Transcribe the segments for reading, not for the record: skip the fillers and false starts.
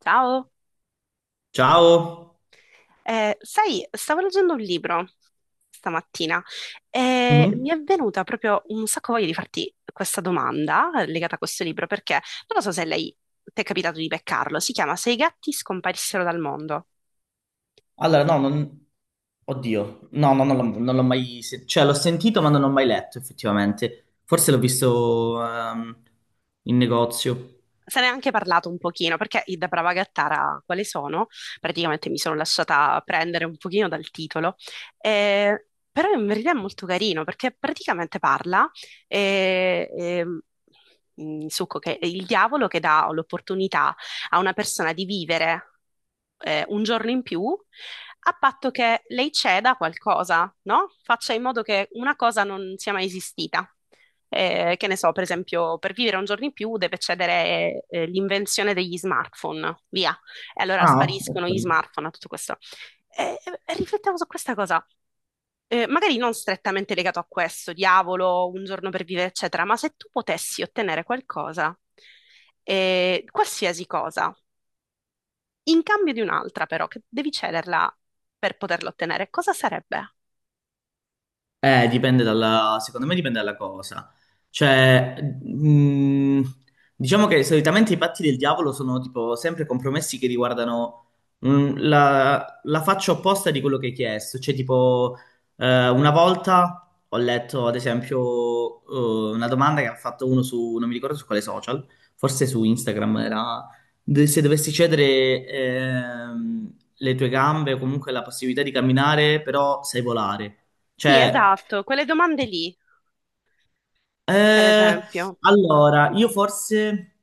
Ciao. Ciao. Sai, stavo leggendo un libro stamattina e mi Mhm. è venuta proprio un sacco voglia di farti questa domanda, legata a questo libro, perché non lo so se lei ti è capitato di beccarlo. Si chiama Se i gatti scomparissero dal mondo. Allora, no, non. Oddio, no, no, non l'ho mai. Cioè, l'ho sentito, ma non l'ho mai letto, effettivamente. Forse l'ho viso in negozio. Se ne è anche parlato un pochino, perché i Da Brava Gattara quali sono? Praticamente mi sono lasciata prendere un pochino dal titolo, però in verità è molto carino, perché praticamente parla, eh, ehm, in succo, che è il diavolo che dà l'opportunità a una persona di vivere un giorno in più, a patto che lei ceda a qualcosa, no? Faccia in modo che una cosa non sia mai esistita. Che ne so, per esempio, per vivere un giorno in più deve cedere l'invenzione degli smartphone, via. E allora Ah, ok. spariscono gli smartphone a tutto questo. E, e riflettevo su questa cosa. Magari non strettamente legato a questo, diavolo, un giorno per vivere, eccetera, ma se tu potessi ottenere qualcosa, qualsiasi cosa, in cambio di un'altra, però, che devi cederla per poterla ottenere, cosa sarebbe? Dipende dalla, secondo me dipende dalla cosa. Cioè, diciamo che solitamente i patti del diavolo sono tipo sempre compromessi che riguardano la faccia opposta di quello che hai chiesto. Cioè, tipo, una volta ho letto, ad esempio, una domanda che ha fatto uno su, non mi ricordo su quale social, forse su Instagram era se dovessi cedere le tue gambe o comunque la possibilità di camminare, però sai volare. Sì, Cioè, esatto, quelle domande lì, per eh, esempio. allora, io forse,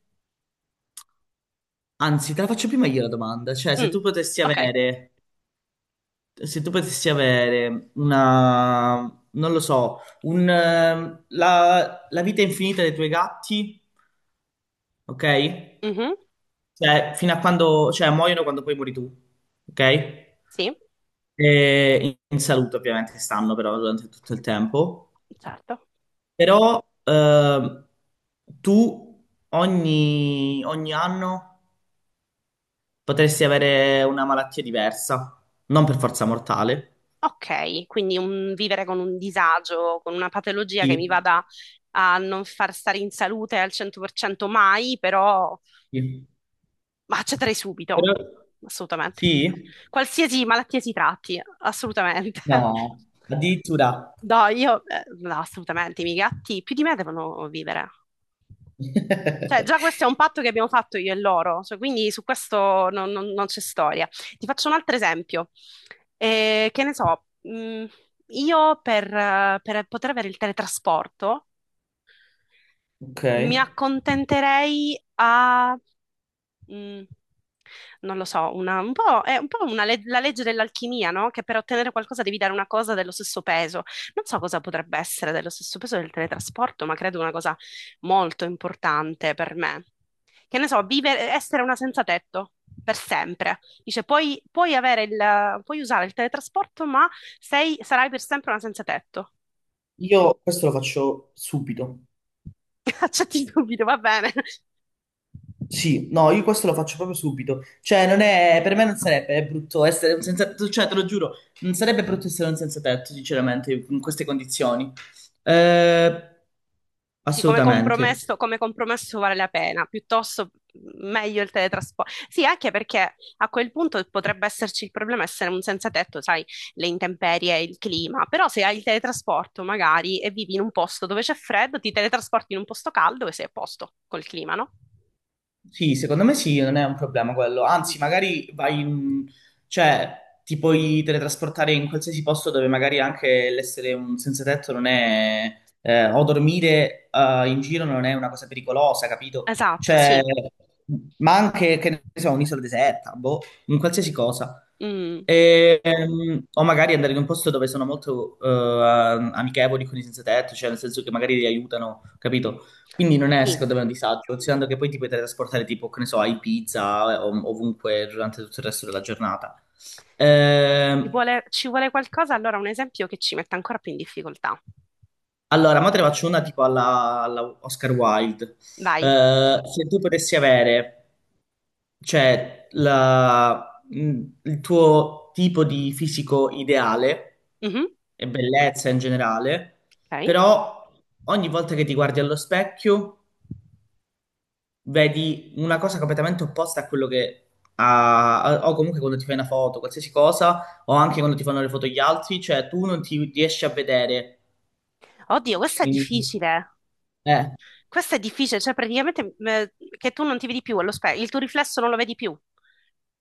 anzi, te la faccio prima io la domanda, cioè, se Mm, tu potessi ok. avere, se tu potessi avere una, non lo so, la vita infinita dei tuoi gatti, ok? Mhm. Cioè, fino a quando, cioè, muoiono quando poi muori tu, ok? Sì, E in salute, ovviamente, stanno però durante tutto il tempo. certo. Però tu ogni anno potresti avere una malattia diversa, non per forza mortale. Ok, quindi un vivere con un disagio, con una patologia che mi Sì, vada a non far stare in salute al 100% mai, però sì. ma accetterei Però subito, assolutamente. sì? Qualsiasi malattia si tratti, assolutamente. No, addirittura. No, io, no, assolutamente, i miei gatti più di me devono vivere. Cioè, già questo è un patto che abbiamo fatto io e loro, cioè, quindi su questo non c'è storia. Ti faccio un altro esempio. Che ne so, io per poter avere il teletrasporto. Ok. Mi accontenterei, mm, non lo so, un po', è un po' la legge dell'alchimia, no? Che per ottenere qualcosa devi dare una cosa dello stesso peso. Non so cosa potrebbe essere dello stesso peso del teletrasporto, ma credo una cosa molto importante per me. Che ne so, vivere, essere una senza tetto per sempre. Dice, puoi usare il teletrasporto, ma sarai per sempre una senza tetto. Io questo lo faccio subito. Accetti il dubito, va bene. Sì, no, io questo lo faccio proprio subito. Cioè, non è, per me non sarebbe brutto essere un senza tetto, cioè, te lo giuro, non sarebbe brutto essere un senza tetto, sinceramente, in queste condizioni. Eh, Dici, Assolutamente. Come compromesso vale la pena, piuttosto, meglio il teletrasporto. Sì, anche perché a quel punto potrebbe esserci il problema essere un senza tetto, sai, le intemperie, il clima, però se hai il teletrasporto magari e vivi in un posto dove c'è freddo, ti teletrasporti in un posto caldo e sei a posto col clima, no? Sì, secondo me sì, non è un problema quello. Anzi, magari vai in, cioè, ti puoi teletrasportare in qualsiasi posto dove magari anche l'essere un senza tetto non è. O dormire in giro non è una cosa pericolosa, capito? Esatto, Cioè, sì. ma anche, che ne so, un'isola deserta, boh, in qualsiasi cosa. Mm. E, o magari andare in un posto dove sono molto amichevoli con i senza tetto, cioè nel senso che magari li aiutano, capito? Quindi non è Sì. secondo me un disagio, considerando che poi ti puoi trasportare tipo, che ne so, a Ibiza ovunque durante tutto il resto della giornata. Ci Ehm, vuole, ci vuole qualcosa, allora un esempio che ci metta ancora più in difficoltà. allora, ma te ne faccio una tipo alla, alla Oscar Wilde. Vai. Se tu potessi avere, cioè, il tuo tipo di fisico ideale Mhm. e bellezza in generale, Ok. però ogni volta che ti guardi allo specchio vedi una cosa completamente opposta a quello che o comunque quando ti fai una foto, qualsiasi cosa, o anche quando ti fanno le foto gli altri, cioè tu non ti riesci a vedere. Oddio, questa è in- difficile. eh. Questa è difficile, cioè praticamente, che tu non ti vedi più allo specchio, il tuo riflesso non lo vedi più.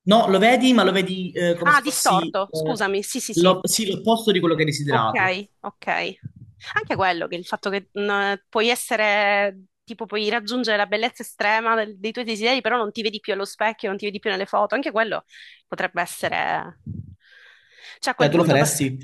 No, lo vedi, ma lo vedi come Ah, se fossi distorto, scusami, sì, sì, sì. Sì, l'opposto di quello che hai Ok, desiderato. ok. Anche quello, che il fatto che, puoi essere, tipo, puoi raggiungere la bellezza estrema dei tuoi desideri, però non ti vedi più allo specchio, non ti vedi più nelle foto, anche quello potrebbe essere. Cioè, a Cioè, quel tu lo punto. faresti?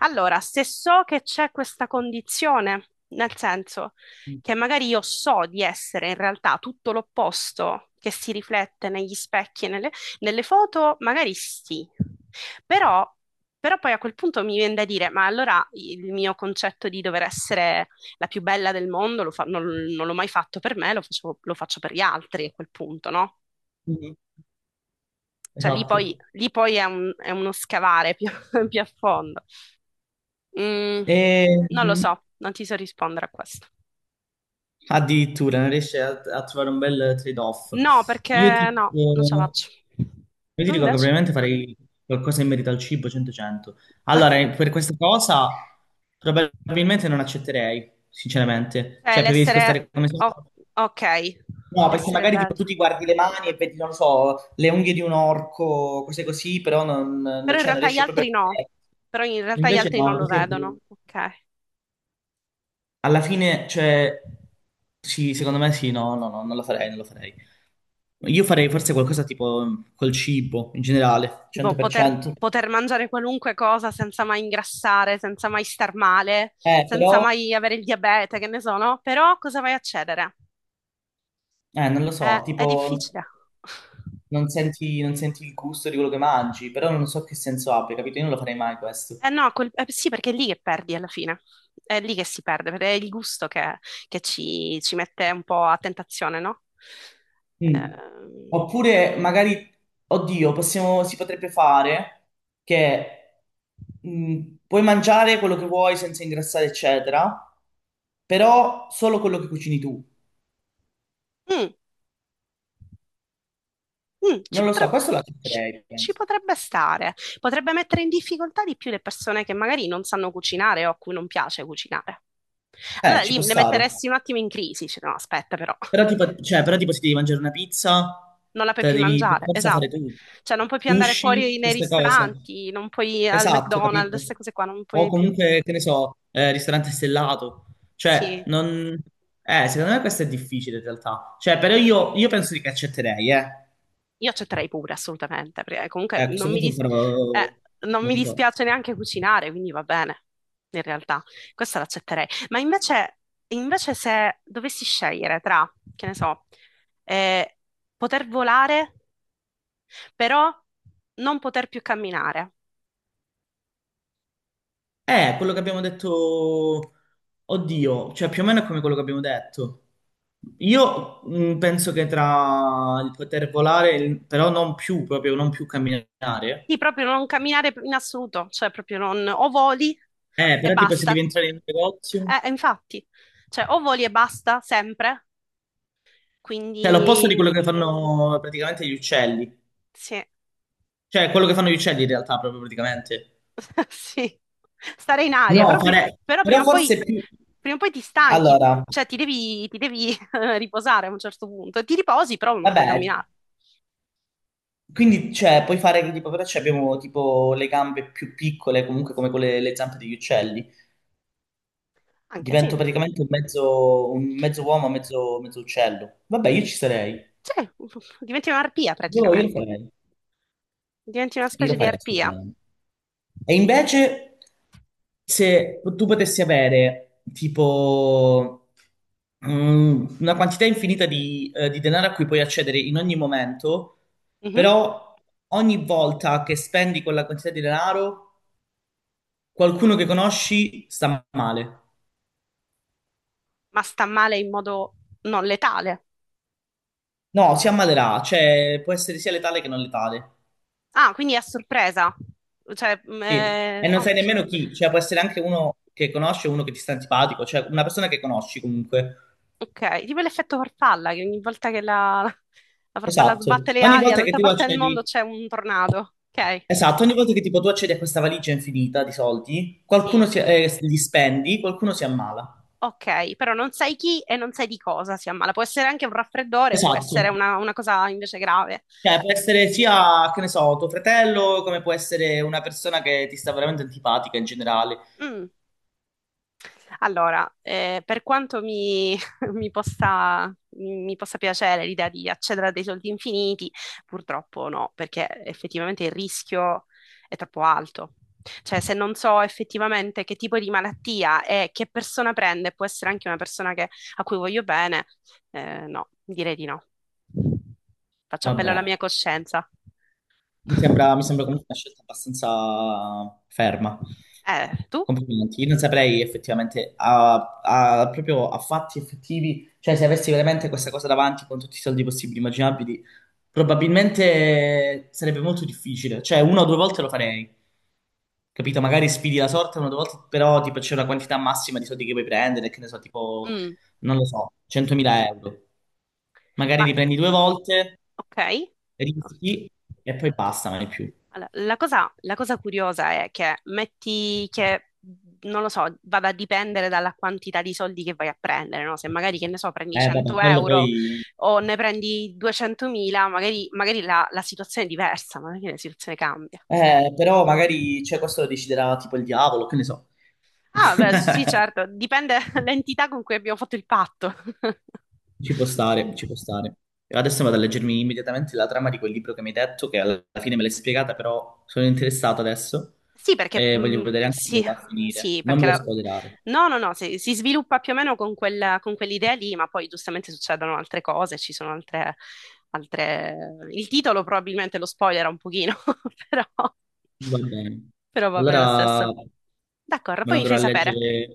Allora, se so che c'è questa condizione, nel senso che magari io so di essere in realtà tutto l'opposto che si riflette negli specchi e nelle foto, magari sì. Però, però poi a quel punto mi viene da dire, ma allora il mio concetto di dover essere la più bella del mondo non l'ho mai fatto per me, lo faccio per gli altri a quel punto, no? Mhm. Cioè Esatto. lì poi è uno scavare più più a fondo. Mm, E, non lo so, non ti so rispondere a questo. addirittura non riesce a trovare un bel trade-off. No, Io ti, perché no, non ce la eh, faccio. io ti Tu dico che invece? probabilmente farei qualcosa in merito al cibo 100-100. Allora, per questa cosa probabilmente non accetterei, sinceramente. Cioè, Cioè, preferisco stare come sono. o- ok, No, perché l'essere magari tipo, tu bella. ti guardi le mani e vedi, non lo so, le unghie di un orco, cose così, però Però in cioè, non realtà gli riesci proprio a altri no. vedere. Però in realtà gli Invece altri non no, lo così è vedono. brutto. Ok. Alla fine, cioè, sì, secondo me sì, no, no, no, non lo farei, non lo farei. Io farei forse qualcosa tipo col cibo in generale, Tipo poter, 100%. poter mangiare qualunque cosa senza mai ingrassare, senza mai star male, senza Però, mai avere il diabete, che ne so, no? Però cosa vai a cedere? Non lo È, so, è tipo difficile. non senti il gusto di quello che mangi, però non so che senso abbia, capito? Io non lo farei mai questo. Eh no, sì, perché è lì che perdi alla fine, è lì che si perde, perché è il gusto che ci mette un po' a tentazione, no? Mm. Ehm, Oppure magari, oddio, si potrebbe fare che puoi mangiare quello che vuoi senza ingrassare, eccetera, però solo quello che cucini tu. mm, mm, ci Non lo so, potrebbe, questo lo ci- accetterei, ci penso. potrebbe stare, potrebbe mettere in difficoltà di più le persone che magari non sanno cucinare o a cui non piace cucinare. Allora Ci può lì le stare. metteresti un attimo in crisi, dice, no, aspetta però. Però tipo se devi mangiare una pizza, Non la puoi te la più devi per mangiare, forza fare esatto. tu. Cioè non puoi più andare fuori Sushi, nei queste cose. ristoranti, non puoi al Esatto, McDonald's, capito? queste cose qua, non O puoi più. comunque, che ne so, ristorante stellato. Cioè, Sì, non. Secondo me questo è difficile in realtà. Cioè, però io penso che accetterei, eh. io accetterei pure, assolutamente, perché comunque A questo non mi, punto dis- ancora. Eh, non mi Non so. dispiace neanche cucinare, quindi va bene, in realtà, questa l'accetterei. Ma invece se dovessi scegliere tra, che ne so, eh, poter volare, però non poter più camminare. Quello che abbiamo detto, oddio, cioè più o meno è come quello che abbiamo detto. Io penso che tra il poter volare, e però non più, proprio non più Sì, camminare. proprio non camminare in assoluto, cioè proprio non, o voli e Però tipo se basta, devi entrare in un negozio, infatti, cioè o voli e basta sempre, cioè l'opposto di quindi quello che fanno praticamente gli uccelli, sì. cioè quello che fanno gli uccelli in realtà proprio praticamente. Sì, stare in aria. No, Però, fare. però Però forse più. prima o poi ti stanchi, Allora, cioè ti devi riposare a un certo punto. Ti riposi, però non puoi vabbè, camminare. quindi cioè, puoi fare che tipo, però cioè, abbiamo tipo le gambe più piccole comunque come quelle, le zampe degli uccelli. Anche sì, Divento praticamente un mezzo uomo, mezzo uccello. Vabbè, io ci sarei. sì. Diventi un'arpia Io lo praticamente, farei. diventi una Io lo specie di farei, arpia. assolutamente. E invece, se tu potessi avere tipo una quantità infinita di denaro a cui puoi accedere in ogni momento, Mhm. però ogni volta che spendi quella quantità di denaro, qualcuno che conosci sta male. Ma sta male in modo non letale. No, si ammalerà, cioè può essere sia letale che non letale. Ah, quindi è a sorpresa. Cioè, Sì, e non sai ok. nemmeno chi, cioè può essere anche uno che conosci e uno che ti sta antipatico, cioè una persona che conosci comunque. Ok, tipo l'effetto farfalla, che ogni volta che la, la farfalla Esatto. sbatte le Ogni ali, volta che dall'altra tu parte del mondo accedi, c'è un tornado. Ok, esatto, ogni volta che tipo tu accedi a questa valigia infinita di soldi, sì. qualcuno si, li spendi, qualcuno si ammala. Ok, però non sai chi e non sai di cosa si ammala. Può essere anche un raffreddore, può Esatto. essere una cosa invece grave. Cioè può essere sia, che ne so, tuo fratello, come può essere una persona che ti sta veramente antipatica in generale. Mm, Allora, per quanto mi, mi possa piacere l'idea di accedere a dei soldi infiniti, purtroppo no, perché effettivamente il rischio è troppo alto. Cioè, se non so effettivamente che tipo di malattia e che persona prende, può essere anche una persona a cui voglio bene. Eh, no, direi di no. Faccio appello alla mia Vabbè. coscienza. Mi sembra, mi sembra comunque una scelta abbastanza ferma. Tu? Complimenti. Io non saprei effettivamente, proprio a fatti effettivi, cioè se avessi veramente questa cosa davanti con tutti i soldi possibili e immaginabili, probabilmente sarebbe molto difficile. Cioè una o due volte lo farei, capito? Magari sfidi la sorte una o due volte, però tipo c'è una quantità massima di soldi che puoi prendere, che ne so, tipo, Mm, non lo so, 100.000 euro. Magari ma li prendi due volte, ok. rischi e poi basta, non è più. Allora, la cosa curiosa è che metti che, non lo so, vada a dipendere dalla quantità di soldi che vai a prendere, no? Se magari, che ne so, prendi Vabbè, 100 quello euro poi. o ne prendi 200.000, magari la situazione è diversa, magari la situazione cambia. Però magari, cioè, questo lo deciderà tipo il diavolo, che ne so. Ah, beh, sì, certo, dipende dall'entità con cui abbiamo fatto il patto. Ci può stare, ci può stare. Adesso vado a leggermi immediatamente la trama di quel libro che mi hai detto, che alla fine me l'hai spiegata, però sono interessato adesso Sì, perché, e voglio vedere anche come sì, va a finire. sì, Non me perché lo spoilerare. no, no, no, si sviluppa più o meno con quell'idea lì, ma poi giustamente succedono altre cose, ci sono altre, altre. Il titolo probabilmente lo spoilera un pochino, però, Va bene. però va bene lo Allora stesso. me D'accordo, lo poi mi andrò fai a sapere. leggere.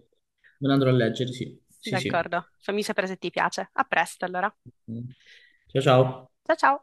Me lo andrò a leggere, sì. Sì, sì. D'accordo, fammi sapere se ti piace. A presto allora. Ok. Ciao, ciao. Ciao, ciao.